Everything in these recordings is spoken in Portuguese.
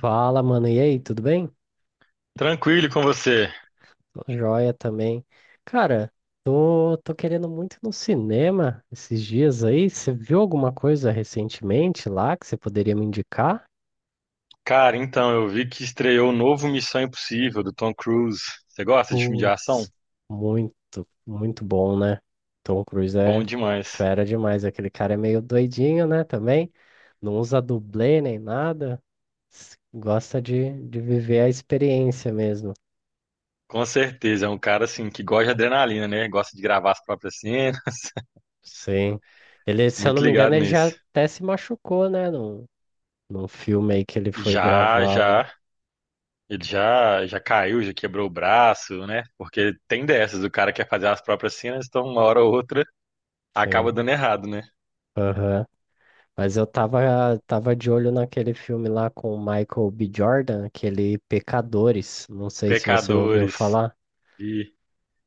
Fala, mano. E aí, tudo bem? Tranquilo com você. Tô joia também. Cara, tô querendo muito ir no cinema esses dias aí. Você viu alguma coisa recentemente lá que você poderia me indicar? Cara, então, eu vi que estreou o novo Missão Impossível do Tom Cruise. Você gosta de filme de ação? Putz, muito bom, né? Tom Cruise Bom é demais. fera demais. Aquele cara é meio doidinho, né? Também não usa dublê nem nada. Gosta de viver a experiência mesmo. Com certeza, é um cara assim que gosta de adrenalina, né? Gosta de gravar as próprias cenas. Sim. Ele, se eu não Muito me engano, ligado ele já nisso. até se machucou, né? Num filme aí que ele foi Já, gravar lá. já. Ele já caiu, já quebrou o braço, né? Porque tem dessas, o cara quer fazer as próprias cenas, então uma hora ou outra Sim. acaba dando errado, né? Aham. Mas eu tava de olho naquele filme lá com o Michael B. Jordan, aquele Pecadores. Não sei se você ouviu Pecadores falar. e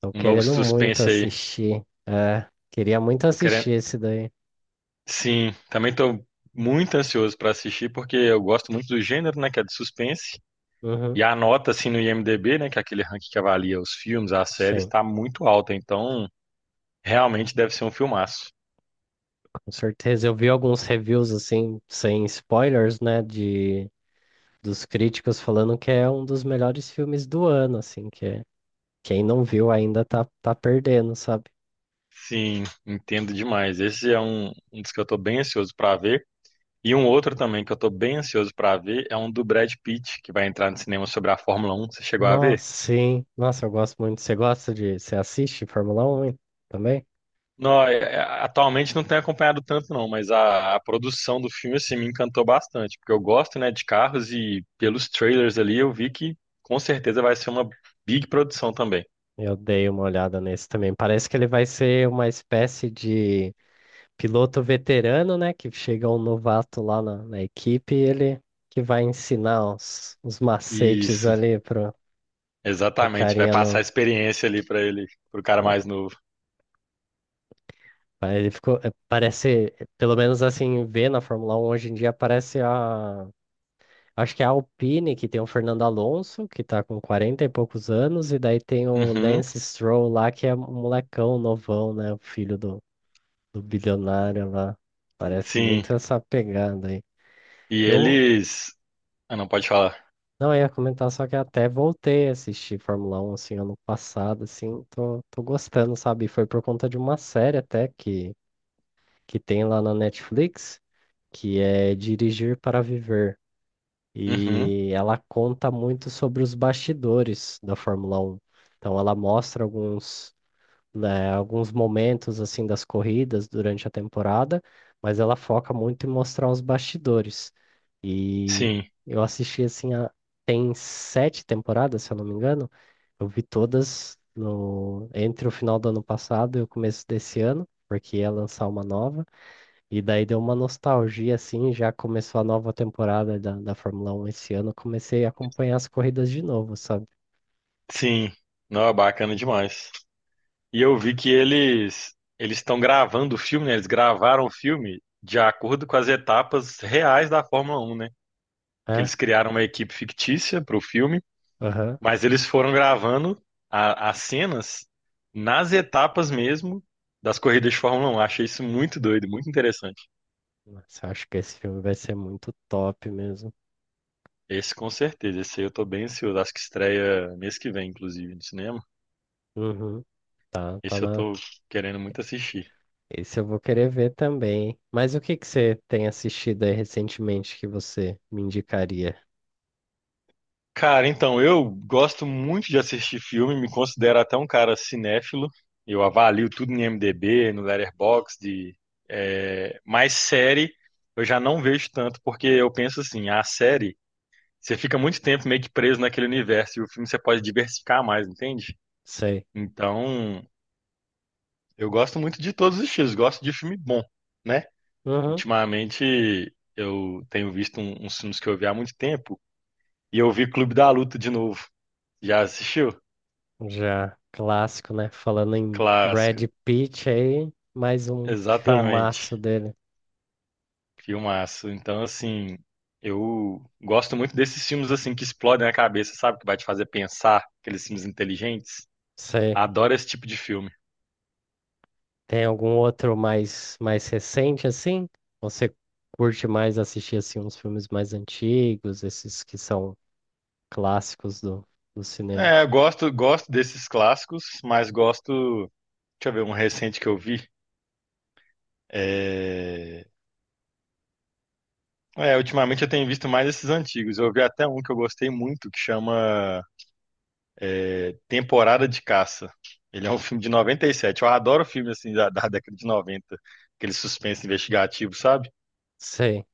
Tô um novo querendo muito suspense aí. assistir. É, queria muito Tô querendo, assistir esse daí. sim, também tô muito ansioso para assistir porque eu gosto muito do gênero, né, que é de suspense. Uhum. E a nota assim no IMDb, né, que é aquele ranking que avalia os filmes, as séries, Sim, tá muito alta, então realmente deve ser um filmaço. com certeza. Eu vi alguns reviews assim, sem spoilers, né, de dos críticos falando que é um dos melhores filmes do ano, assim, que é quem não viu ainda tá perdendo, sabe? Sim, entendo demais. Esse é um dos que eu tô bem ansioso para ver. E um outro também que eu tô bem ansioso para ver é um do Brad Pitt, que vai entrar no cinema sobre a Fórmula Um. Você chegou a Nossa, ver? sim. Nossa, eu gosto muito. Você gosta de. Você assiste Fórmula Um, hein? Também? Não, atualmente não tenho acompanhado tanto não, mas a produção do filme assim me encantou bastante, porque eu gosto, né, de carros e pelos trailers ali eu vi que com certeza vai ser uma big produção também. Eu dei uma olhada nesse também. Parece que ele vai ser uma espécie de piloto veterano, né? Que chega um novato lá na equipe e ele que vai ensinar os macetes Isso, ali pro, pro exatamente, vai carinha passar a no. experiência ali pra ele, pro cara Né? mais novo. Ele ficou. É, parece, pelo menos assim, ver na Fórmula Um hoje em dia, parece a. Acho que é a Alpine, que tem o Fernando Alonso, que tá com 40 e poucos anos, e daí tem o Uhum, Lance Stroll lá, que é um molecão novão, né? O filho do, do bilionário lá. Parece sim. muito essa pegada aí. E Eu eles, ah, não pode falar. não, eu ia comentar, só que até voltei a assistir Fórmula 1, assim, ano passado, assim, tô gostando, sabe? Foi por conta de uma série até que tem lá na Netflix, que é Dirigir para Viver. Uhum, E ela conta muito sobre os bastidores da Fórmula 1. Então ela mostra alguns, né, alguns momentos assim das corridas durante a temporada, mas ela foca muito em mostrar os bastidores. E sim, eu assisti assim a, tem 7 temporadas, se eu não me engano. Eu vi todas no entre o final do ano passado e o começo desse ano, porque ia lançar uma nova. E daí deu uma nostalgia, assim, já começou a nova temporada da, da Fórmula Um esse ano, eu comecei a acompanhar as corridas de novo, sabe? sim. Não, é bacana demais. E eu vi que eles estão gravando o filme, né? Eles gravaram o filme de acordo com as etapas reais da Fórmula 1, né? Que É, eles criaram uma equipe fictícia para o filme, aham. mas eles foram gravando as cenas nas etapas mesmo das corridas de Fórmula 1. Achei isso muito doido, muito interessante. Nossa, eu acho que esse filme vai ser muito top mesmo. Esse com certeza, esse aí eu tô bem ansioso. Acho que estreia mês que vem, inclusive, no cinema. Uhum, tá Esse eu na... tô querendo muito assistir. Esse eu vou querer ver também, hein? Mas o que que você tem assistido aí recentemente que você me indicaria? Cara, então, eu gosto muito de assistir filme, me considero até um cara cinéfilo. Eu avalio tudo em IMDb, no Letterboxd, de, é, mas série eu já não vejo tanto, porque eu penso assim, a série, você fica muito tempo meio que preso naquele universo, e o filme você pode diversificar mais, entende? Sei. Então, eu gosto muito de todos os estilos, gosto de filme bom, né? Uhum, Ultimamente, eu tenho visto uns filmes que eu vi há muito tempo, e eu vi Clube da Luta de novo. Já assistiu? já clássico, né? Falando em Brad Clássico, Pitt aí, mais um exatamente. filmaço dele. Filmaço. Então, assim, eu gosto muito desses filmes assim que explodem a cabeça, sabe? Que vai te fazer pensar, aqueles filmes inteligentes. Sei. Adoro esse tipo de filme. Tem algum outro mais recente assim? Você curte mais assistir assim uns filmes mais antigos, esses que são clássicos do, do cinema? É, eu gosto, gosto desses clássicos, mas gosto. Deixa eu ver, um recente que eu vi. É... é, ultimamente eu tenho visto mais esses antigos. Eu vi até um que eu gostei muito, que chama É Temporada de Caça. Ele é um filme de 97. Eu adoro filme assim da década de 90, aquele suspense investigativo, sabe? Sei.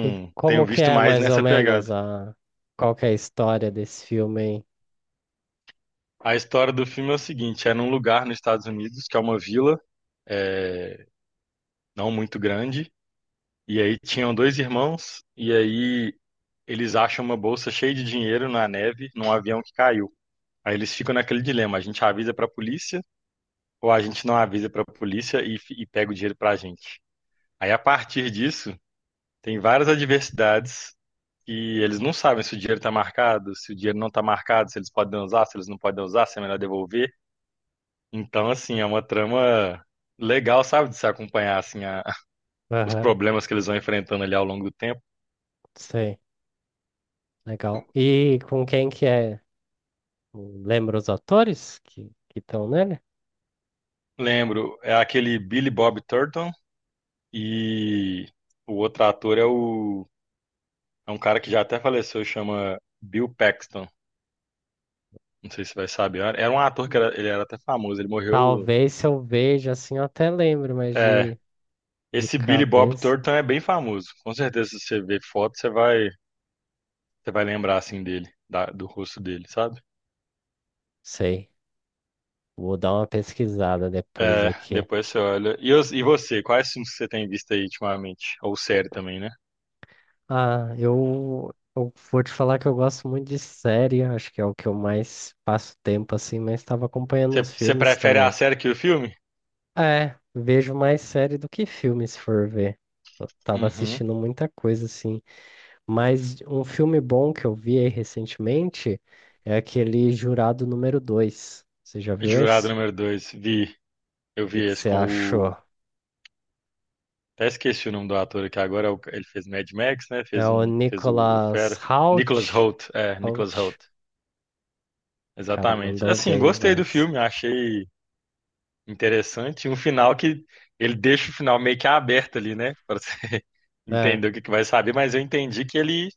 E tenho como que visto é mais mais ou nessa menos pegada. a qual que é a história desse filme aí? A história do filme é o seguinte: é num lugar nos Estados Unidos, que é uma vila, é, não muito grande, e aí tinham dois irmãos, e aí eles acham uma bolsa cheia de dinheiro na neve, num avião que caiu. Aí eles ficam naquele dilema: a gente avisa pra polícia ou a gente não avisa pra polícia e pega o dinheiro pra gente? Aí, a partir disso, tem várias adversidades e eles não sabem se o dinheiro está marcado, se o dinheiro não está marcado, se eles podem usar, se eles não podem usar, se é melhor devolver. Então, assim, é uma trama legal, sabe, de se acompanhar assim os Aham, problemas que eles vão enfrentando ali ao longo do tempo. sei. Legal. E com quem que é? Lembra os atores que estão nele? Lembro, é aquele Billy Bob Thornton e o outro ator é o é um cara que já até faleceu, chama Bill Paxton. Não sei se vai saber. Era um ator que ele era até famoso, ele morreu. Talvez se eu veja assim eu até lembro, mas É, de esse Billy Bob cabeça, Thornton é bem famoso. Com certeza, se você ver foto, você vai lembrar assim dele, do rosto dele, sabe? sei. Vou dar uma pesquisada depois É, aqui. depois você olha. E, e você, quais filmes que você tem visto aí ultimamente? Ou série também, né? Ah, eu vou te falar que eu gosto muito de série, acho que é o que eu mais passo tempo assim, mas estava acompanhando uns Você, você filmes prefere a também. série que o filme? É, vejo mais série do que filme, se for ver. Eu tava Uhum. assistindo muita coisa assim, mas um filme bom que eu vi aí recentemente é aquele Jurado Número Dois. Você já viu Jurado esse? número O dois, vi. Eu vi que que esse você com achou? o. Até esqueci o nome do ator aqui agora. Ele fez Mad Max, né? É Fez o um. Fez o Fera. Nicolas Nicholas Hoult. Hoult. É, Nicholas Hoult. Hoult. Cara, Exatamente. mandou Assim, bem gostei do demais. filme, achei. Interessante. E um final que ele deixa o final meio que aberto ali, né? Pra você É, entender o que que vai saber, mas eu entendi que ele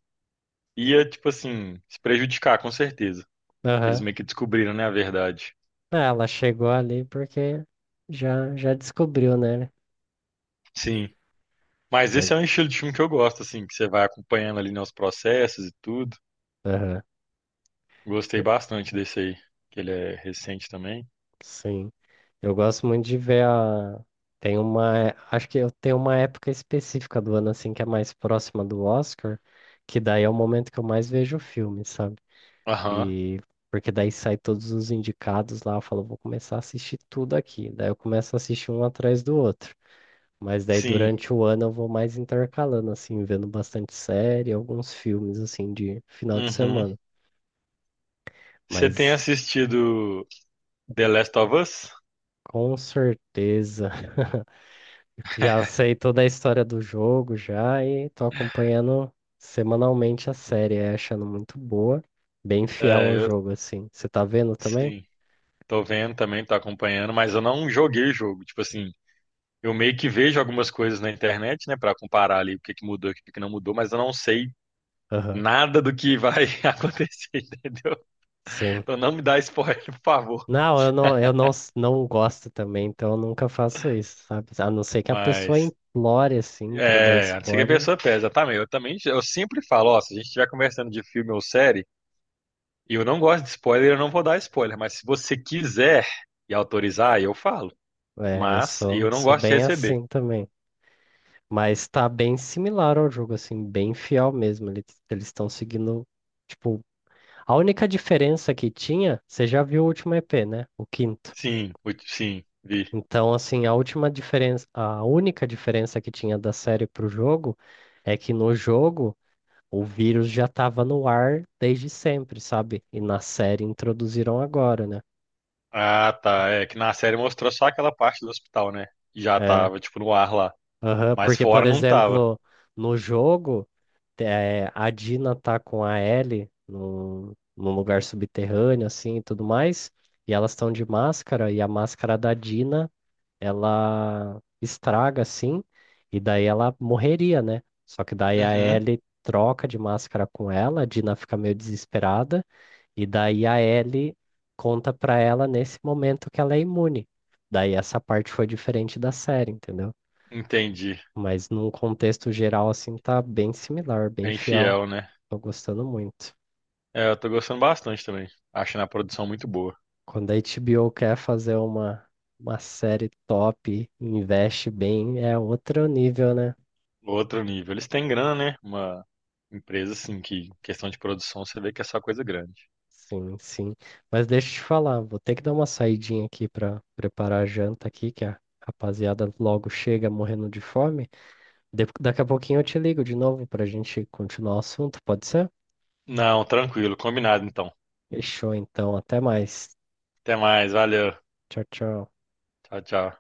ia, tipo assim, se prejudicar, com certeza. Que eles aham. meio que descobriram, né, a verdade. É, ela chegou ali porque já descobriu, né? Sim. Mas Mas, esse é um estilo de filme que eu gosto, assim, que você vai acompanhando ali, né, os processos e tudo. aham, Gostei eu- bastante desse aí, que ele é recente também. sim. Eu gosto muito de ver a. Tem uma. Acho que eu tenho uma época específica do ano, assim, que é mais próxima do Oscar, que daí é o momento que eu mais vejo o filme, sabe? Aham. E. Porque daí sai todos os indicados lá, eu falo, vou começar a assistir tudo aqui. Daí eu começo a assistir um atrás do outro. Mas daí Sim. durante o ano eu vou mais intercalando, assim, vendo bastante série, alguns filmes, assim, de final de Uhum. semana. Você tem Mas assistido The Last of Us? com certeza, eu já sei toda a história do jogo já e tô acompanhando semanalmente a série, é, achando muito boa, bem fiel É, ao eu, jogo, assim. Você tá vendo também? sim. Tô vendo também, tô acompanhando, mas eu não joguei o jogo. Tipo assim, eu meio que vejo algumas coisas na internet, né, pra comparar ali o que que mudou e o que que não mudou, mas eu não sei Aham. nada do que vai acontecer, entendeu? Sim. Então não me dá spoiler, por favor. Não, eu não, não gosto também, então eu nunca faço isso, sabe? A não ser que a pessoa Mas implore, assim, pra dar é, não sei que a spoiler. pessoa pesa, exatamente. Eu também, eu sempre falo, ó, se a gente estiver conversando de filme ou série, e eu não gosto de spoiler, eu não vou dar spoiler, mas se você quiser e autorizar, eu falo. É, eu Mas sou, eu não sou gosto de bem receber. assim também. Mas tá bem similar ao jogo, assim, bem fiel mesmo. Eles estão seguindo, tipo, a única diferença que tinha, você já viu o último EP, né? O quinto. Sim, muito, sim, vi. Então, assim, a última diferença, a única diferença que tinha da série pro jogo é que no jogo o vírus já tava no ar desde sempre, sabe? E na série introduziram agora, né? Ah, tá. É que na série mostrou só aquela parte do hospital, né? Já É. tava, tipo, no ar lá. Aham, Mas porque, por fora não tava. exemplo, no jogo. É, a Dina tá com a Ellie num, num lugar subterrâneo, assim, e tudo mais. E elas estão de máscara, e a máscara da Dina, ela estraga, assim, e daí ela morreria, né? Só que daí a Uhum, Ellie troca de máscara com ela, a Dina fica meio desesperada, e daí a Ellie conta pra ela nesse momento que ela é imune. Daí essa parte foi diferente da série, entendeu? entendi. Mas num contexto geral, assim, tá bem similar, bem Bem fiel. fiel, né? Tô gostando muito. É, eu tô gostando bastante também. Achando a produção muito boa. Quando a HBO quer fazer uma série top, investe bem, é outro nível, né? Outro nível. Eles têm grana, né? Uma empresa, assim, que em questão de produção, você vê que é só coisa grande. Sim, sim. Mas deixa eu te falar, vou ter que dar uma saidinha aqui pra preparar a janta aqui, que a rapaziada logo chega morrendo de fome. Daqui a pouquinho eu te ligo de novo pra gente continuar o assunto, pode ser? Não, tranquilo. Combinado, então. Fechou então, até mais. Até mais. Valeu. Tchau, tchau. Tchau, tchau.